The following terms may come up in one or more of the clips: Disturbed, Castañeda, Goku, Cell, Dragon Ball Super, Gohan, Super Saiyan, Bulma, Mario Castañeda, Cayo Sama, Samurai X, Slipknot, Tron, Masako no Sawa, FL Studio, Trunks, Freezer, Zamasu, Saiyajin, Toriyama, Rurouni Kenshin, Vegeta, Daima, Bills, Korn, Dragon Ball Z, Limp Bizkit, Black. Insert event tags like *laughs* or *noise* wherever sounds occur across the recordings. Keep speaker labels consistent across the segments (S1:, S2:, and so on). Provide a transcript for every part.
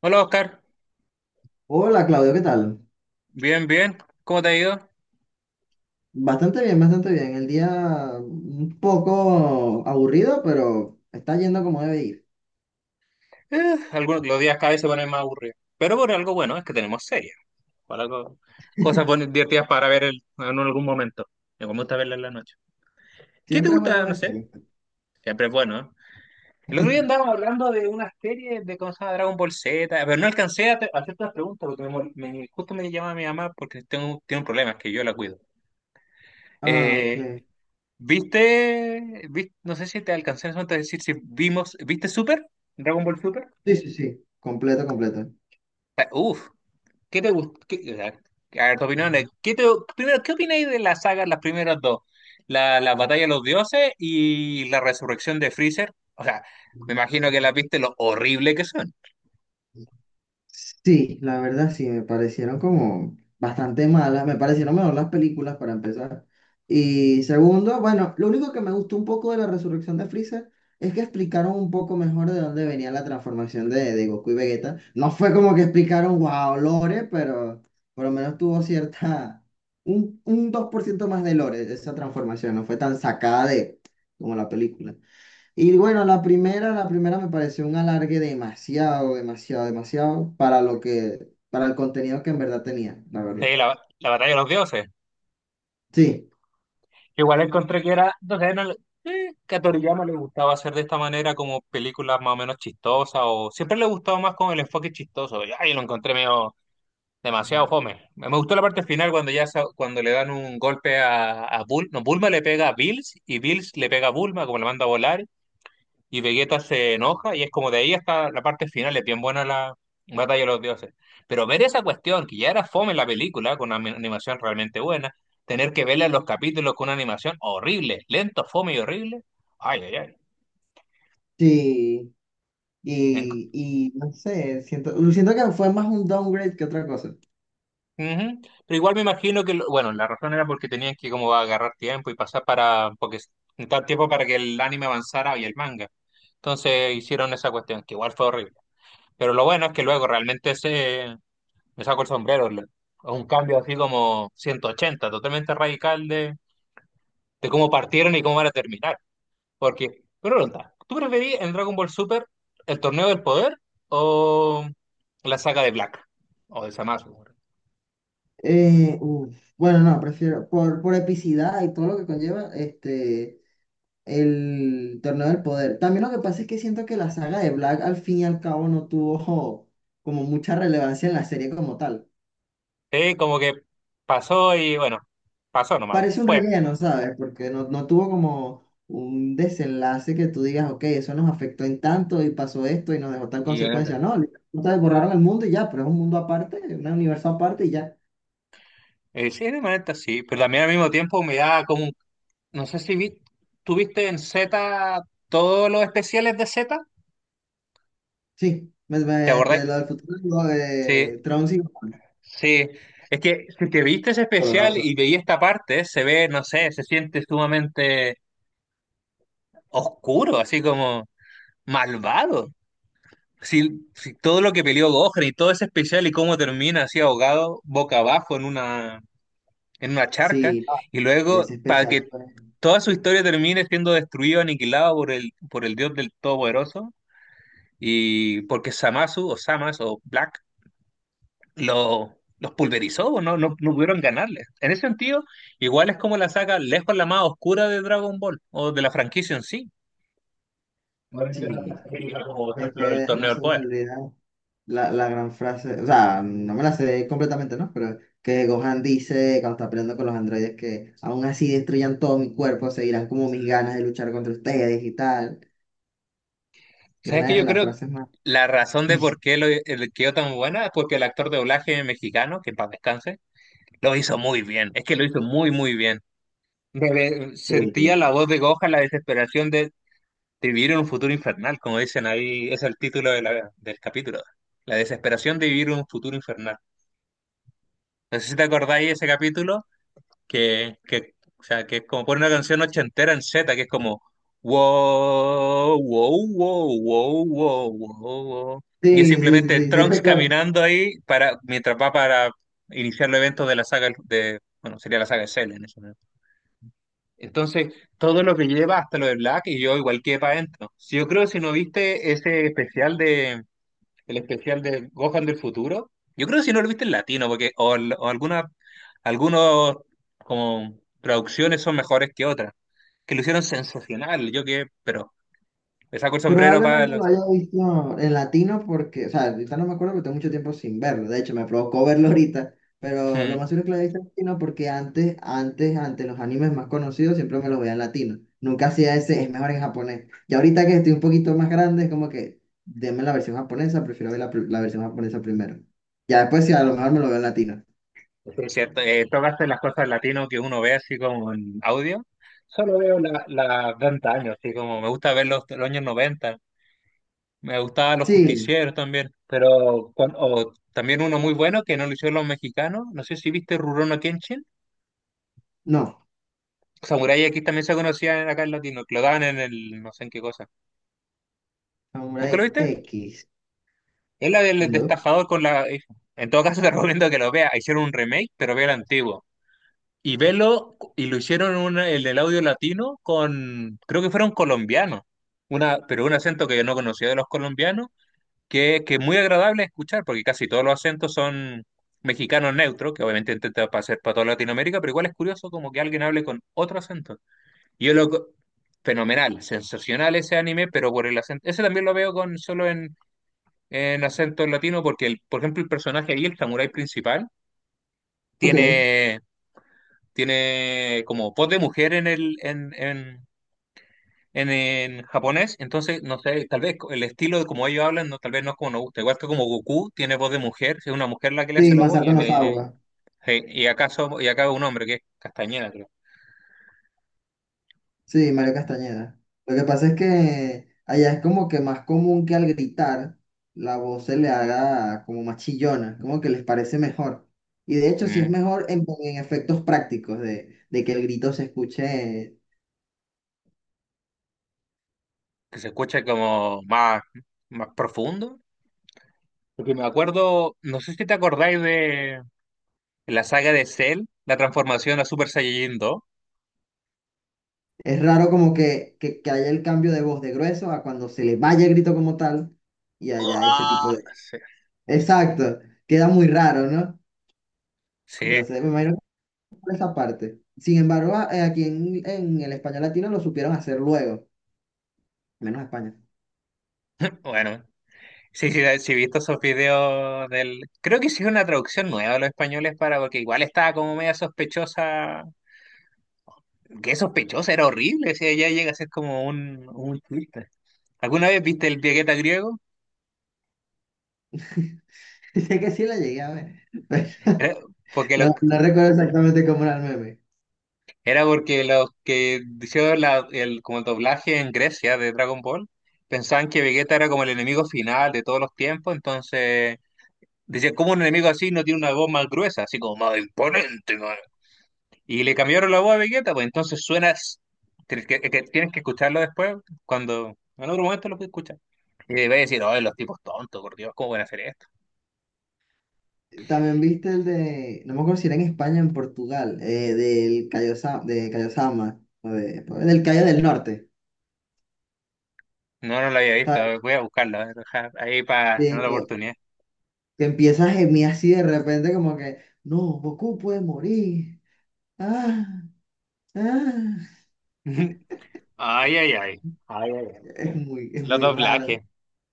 S1: Hola Oscar,
S2: Hola Claudio, ¿qué tal?
S1: bien, bien, ¿cómo te ha ido?
S2: Bastante bien, bastante bien. El día un poco aburrido, pero está yendo como debe ir.
S1: Algunos, los días cada vez se ponen más aburridos, pero por algo bueno es que tenemos series, por algo, cosas buenas, divertidas para ver en algún momento. Me gusta verla en la noche. ¿Qué te
S2: Siempre es bueno
S1: gusta? No
S2: ver
S1: sé,
S2: series.
S1: siempre es bueno, ¿eh? El otro día
S2: *laughs*
S1: andábamos hablando de una serie de cosas Dragon Ball Z, pero no alcancé a a hacerte las preguntas porque justo me llama mi mamá porque tengo, tiene un problema, es que yo la cuido.
S2: Ah, ok.
S1: Eh, ¿Viste, no sé si te alcancé en ese momento a decir si vimos, ¿viste Super? ¿Dragon Ball Super?
S2: Sí, sí, sí. Completo, completo.
S1: Ah, uf. ¿Qué te gusta? A ver, tu opinión ¿qué te, primero, ¿qué opináis de la saga, las primeras dos? La batalla de los dioses y la resurrección de Freezer. O sea, me imagino que las viste lo horrible que son.
S2: Sí, la verdad sí, me parecieron como bastante malas, me parecieron mejor las películas para empezar. Y segundo, bueno, lo único que me gustó un poco de la resurrección de Freezer es que explicaron un poco mejor de dónde venía la transformación de Goku y Vegeta. No fue como que explicaron, wow, lore, pero por lo menos tuvo cierta, un 2% más de lore esa transformación, no fue tan sacada de como la película. Y bueno, la primera me pareció un alargue demasiado, demasiado, demasiado para lo que, para el contenido que en verdad tenía, la verdad.
S1: Sí, la batalla de los dioses.
S2: Sí,
S1: Igual encontré que era, no sé, no le- que a Toriyama le gustaba hacer de esta manera como películas más o menos chistosas o siempre le gustaba más con el enfoque chistoso. Y ahí lo encontré medio. Demasiado fome. Me gustó la parte final cuando ya cuando le dan un golpe a bul no, Bulma le pega a Bills y Bills le pega a Bulma, como le manda a volar, y Vegeta se enoja, y es como de ahí hasta la parte final, es bien buena la batalla de los dioses. Pero ver esa cuestión, que ya era fome en la película, con una animación realmente buena, tener que verla en los capítulos con una animación horrible, lento, fome y horrible. Ay, ay, ay.
S2: sí.
S1: En-
S2: Y no sé, siento, siento que fue más un downgrade que otra cosa.
S1: Ujú. Pero igual me imagino que, bueno, la razón era porque tenían que como agarrar tiempo y pasar para, porque necesitaban tiempo para que el anime avanzara y el manga. Entonces hicieron esa cuestión, que igual fue horrible. Pero lo bueno es que luego realmente me saco el sombrero, un cambio así como 180, totalmente radical de cómo partieron y cómo van a terminar. Porque, pregunta, ¿tú preferís en Dragon Ball Super el torneo del poder o la saga de Black? O de Zamasu.
S2: Bueno, no, prefiero, por epicidad y todo lo que conlleva, este, el torneo del poder. También lo que pasa es que siento que la saga de Black al fin y al cabo no tuvo como mucha relevancia en la serie como tal.
S1: Sí, como que pasó y bueno, pasó nomás,
S2: Parece un
S1: fue.
S2: relleno, ¿sabes? Porque no, no tuvo como un desenlace que tú digas, ok, eso nos afectó en tanto y pasó esto y nos dejó tal
S1: Y en
S2: consecuencia. No, ustedes borraron el mundo y ya, pero es un mundo aparte, un universo aparte y ya.
S1: sí, de manera sí, pero también al mismo tiempo me da como, no sé si vi, tú viste en Z todos los especiales de Z,
S2: Sí,
S1: ¿te acordás?
S2: este, lo del futuro, lo
S1: Sí,
S2: de Tron sí.
S1: sí, es que si te viste ese
S2: Con los
S1: especial
S2: dos.
S1: y veí esta parte, se ve, no sé, se siente sumamente oscuro, así como malvado. Si, si todo lo que peleó Gohan y todo ese especial y cómo termina así ahogado, boca abajo en una charca
S2: Sí, no,
S1: y
S2: es
S1: luego para
S2: especial
S1: que
S2: pues.
S1: toda su historia termine siendo destruido, aniquilado por el dios del Todopoderoso y porque Samasu o Samas o Black lo, los pulverizó, o no, no, no pudieron ganarle. En ese sentido, igual es como la saga lejos la más oscura de Dragon Ball o de la franquicia en sí. No es que no te
S2: Sí,
S1: explica, como por
S2: es
S1: ejemplo el
S2: que no
S1: torneo del
S2: se me
S1: poder.
S2: olvida la gran frase, o sea, no me la sé completamente, ¿no? Pero que Gohan dice cuando está peleando con los androides que aún así destruyan todo mi cuerpo, seguirán como mis ganas de luchar contra ustedes y tal, que es
S1: ¿Sabes que
S2: una de
S1: yo
S2: las
S1: creo que
S2: frases más...
S1: la razón de
S2: *laughs*
S1: por qué lo, quedó tan buena es porque el actor de doblaje mexicano, que en paz descanse, lo hizo muy bien, es que lo hizo muy, muy bien.
S2: Sí, sí,
S1: Sentía la voz de Gohan, la desesperación de vivir en un futuro infernal, como dicen ahí, es el título de del capítulo. La desesperación de vivir en un futuro infernal. No sé si te acordáis de ese capítulo, que, o sea, que es como pone una canción ochentera en Z, que es como, wow, wow, wow, wow, wow, wow, wow. Y es
S2: sí, sí, sí,
S1: simplemente
S2: sí, sí,
S1: Trunks
S2: recuerdo.
S1: caminando ahí para, mientras va para iniciar los eventos de la saga de, bueno, sería la saga de Cell en ese. Entonces, todo lo que lleva hasta lo de Black y yo igual quedé para adentro. Si yo creo que si no viste ese especial de el especial de Gohan del futuro, yo creo que si no lo viste en latino porque o, o alguna algunos como traducciones son mejores que otras, que lo hicieron sensacional, yo que pero le saco el sombrero para
S2: Probablemente lo
S1: los
S2: haya
S1: *laughs*
S2: visto en latino porque, o sea, ahorita no me acuerdo porque tengo mucho tiempo sin verlo. De hecho, me provocó verlo ahorita. Pero lo
S1: mm.
S2: más seguro es que lo haya visto en latino porque antes, antes, antes los animes más conocidos siempre me los veía en latino. Nunca hacía ese, es mejor en japonés. Y ahorita que estoy un poquito más grande, es como que, denme la versión japonesa, prefiero ver la versión japonesa primero. Ya después, si a lo mejor me lo veo en latino.
S1: Sí, es cierto, tocaste las cosas en latino que uno ve así como en audio. Solo veo la, la de antaño, así como me gusta ver los años 90. Me gustaban los
S2: Sí,
S1: justicieros también, pero o también uno muy bueno que no lo hicieron los mexicanos. No sé si viste Rurouni Kenshin.
S2: no.
S1: Samurai aquí también se conocía acá en latino, que lo daban en el no sé en qué cosa. ¿Nunca lo
S2: Samurai
S1: viste?
S2: X,
S1: Es la del
S2: no.
S1: destafador con la hija. En todo caso te *laughs* recomiendo que lo veas. Hicieron un remake, pero ve el antiguo. Y velo, y lo hicieron el del audio latino con, creo que fueron colombianos, una, pero un acento que yo no conocía de los colombianos que es muy agradable escuchar, porque casi todos los acentos son mexicanos neutros, que obviamente intenta hacer para toda Latinoamérica, pero igual es curioso como que alguien hable con otro acento. Y yo lo... fenomenal, sensacional ese anime, pero por el acento... Ese también lo veo con solo en acento latino, porque, el, por ejemplo, el personaje ahí, el samurái principal,
S2: Ok.
S1: tiene, tiene como voz de mujer en el, en japonés, entonces, no sé, tal vez el estilo de como ellos hablan, no, tal vez no es como nos gusta. Igual que como Goku tiene voz de mujer, es una mujer la que le hace
S2: Sí,
S1: la voz, y,
S2: Masako
S1: en,
S2: no Sawa.
S1: y acá y acá un hombre que es Castañeda, creo.
S2: Sí, Mario
S1: Mm,
S2: Castañeda. Lo que pasa es que allá es como que más común que al gritar la voz se le haga como más chillona, como que les parece mejor. Y de hecho sí es
S1: mm,
S2: mejor en efectos prácticos de que el grito se escuche.
S1: que se escucha como más, más profundo. Porque me acuerdo, no sé si te acordáis de la saga de Cell, la transformación a Super Saiyajin dos.
S2: Es raro como que haya el cambio de voz de grueso a cuando se le vaya el grito como tal y haya ese tipo
S1: ¡Uah!
S2: de...
S1: Sí,
S2: Exacto, queda muy raro, ¿no?
S1: sí,
S2: Entonces me imagino que por esa parte. Sin embargo, aquí en el español latino lo supieron hacer luego, menos España.
S1: *laughs* bueno. Sí, sí, sí, he visto esos videos del... Creo que hicieron una traducción nueva a los españoles para... Porque igual estaba como media sospechosa. Qué sospechosa, era horrible. O sea, ya llega a ser como un chiste. ¿Alguna vez viste el Vegeta griego?
S2: *laughs* Sé que sí la llegué a ver, pero
S1: Era porque los,
S2: no, no recuerdo exactamente cómo era el meme.
S1: era porque los que hicieron el, como el doblaje en Grecia de Dragon Ball pensaban que Vegeta era como el enemigo final de todos los tiempos. Entonces decían, ¿cómo un enemigo así no tiene una voz más gruesa? Así como más imponente. Y le cambiaron la voz a Vegeta, pues entonces suenas, que tienes que escucharlo después, cuando en otro momento lo puedes escuchar. Y le a decir, oh, los tipos tontos, por Dios, ¿cómo pueden hacer esto?
S2: También viste el de, no me acuerdo si era en España o en Portugal, del de Cayo Sama, o o del Cayo del Norte,
S1: No, no lo había visto, a
S2: ¿sabes?
S1: ver, voy a buscarlo, a ver, ja, ahí para
S2: De
S1: una oportunidad.
S2: que empieza a gemir así de repente como que, no, Goku puede morir. Ah, ah".
S1: *laughs* Ay, ay, ay. Ay, ay, ay.
S2: Es
S1: Los
S2: muy raro.
S1: doblajes.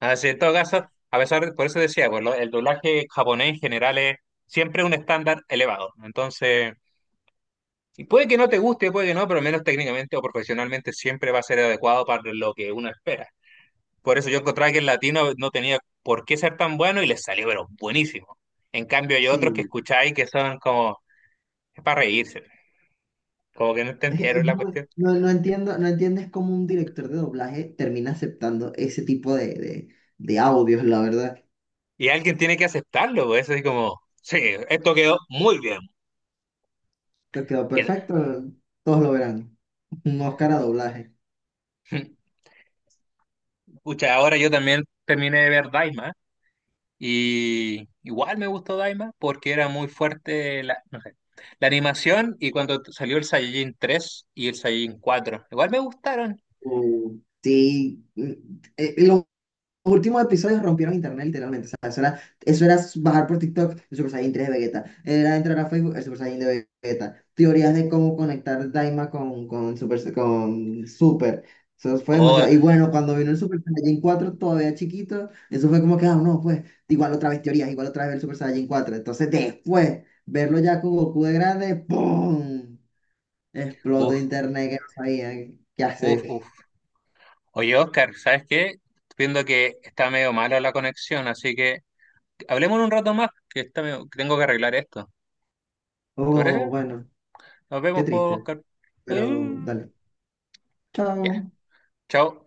S1: Así, en todo caso, a pesar de, por eso decía, pues, el doblaje japonés en general es siempre un estándar elevado. Entonces, y puede que no te guste, puede que no, pero al menos técnicamente o profesionalmente siempre va a ser adecuado para lo que uno espera. Por eso yo encontraba que el latino no tenía por qué ser tan bueno y les salió, pero buenísimo. En cambio, hay otros que
S2: Sí,
S1: escucháis que son como, es para reírse, como que no
S2: *laughs* es,
S1: entendieron la cuestión.
S2: no, no entiendo, no entiendes cómo un director de doblaje termina aceptando ese tipo de, de audios, la verdad.
S1: Y alguien tiene que aceptarlo, pues, así como, sí, esto quedó muy bien.
S2: Te quedó
S1: Quedó.
S2: perfecto, todos lo verán. Un Oscar a doblaje.
S1: *laughs* Pucha, ahora yo también terminé de ver Daima y igual me gustó Daima porque era muy fuerte la, no sé, la animación y cuando salió el Saiyajin 3 y el Saiyajin 4 igual me gustaron.
S2: Uh, sí, mm, los últimos episodios rompieron internet literalmente. O sea, eso era bajar por TikTok el Super Saiyan tres de Vegeta. Era entrar a Facebook el Super Saiyan de Vegeta. Teorías de cómo conectar Daima Super, con Super. Eso fue
S1: Oh,
S2: demasiado. Y bueno, cuando vino el Super Saiyan cuatro todavía chiquito, eso fue como que, ah, no, pues, igual otra vez teorías, igual otra vez el Super Saiyan cuatro. Entonces después, verlo ya con Goku de grande, ¡pum! Explotó
S1: uff,
S2: internet que no sabía qué
S1: uff,
S2: hacer.
S1: uff. Oye, Oscar, ¿sabes qué? Estoy viendo que está medio mala la conexión, así que hablemos un rato más, que, está medio- que tengo que arreglar esto. ¿Te
S2: Oh,
S1: parece?
S2: bueno,
S1: Nos
S2: qué
S1: vemos, pues,
S2: triste,
S1: Oscar.
S2: pero
S1: Eh,
S2: dale.
S1: Ya,
S2: Chao.
S1: chao.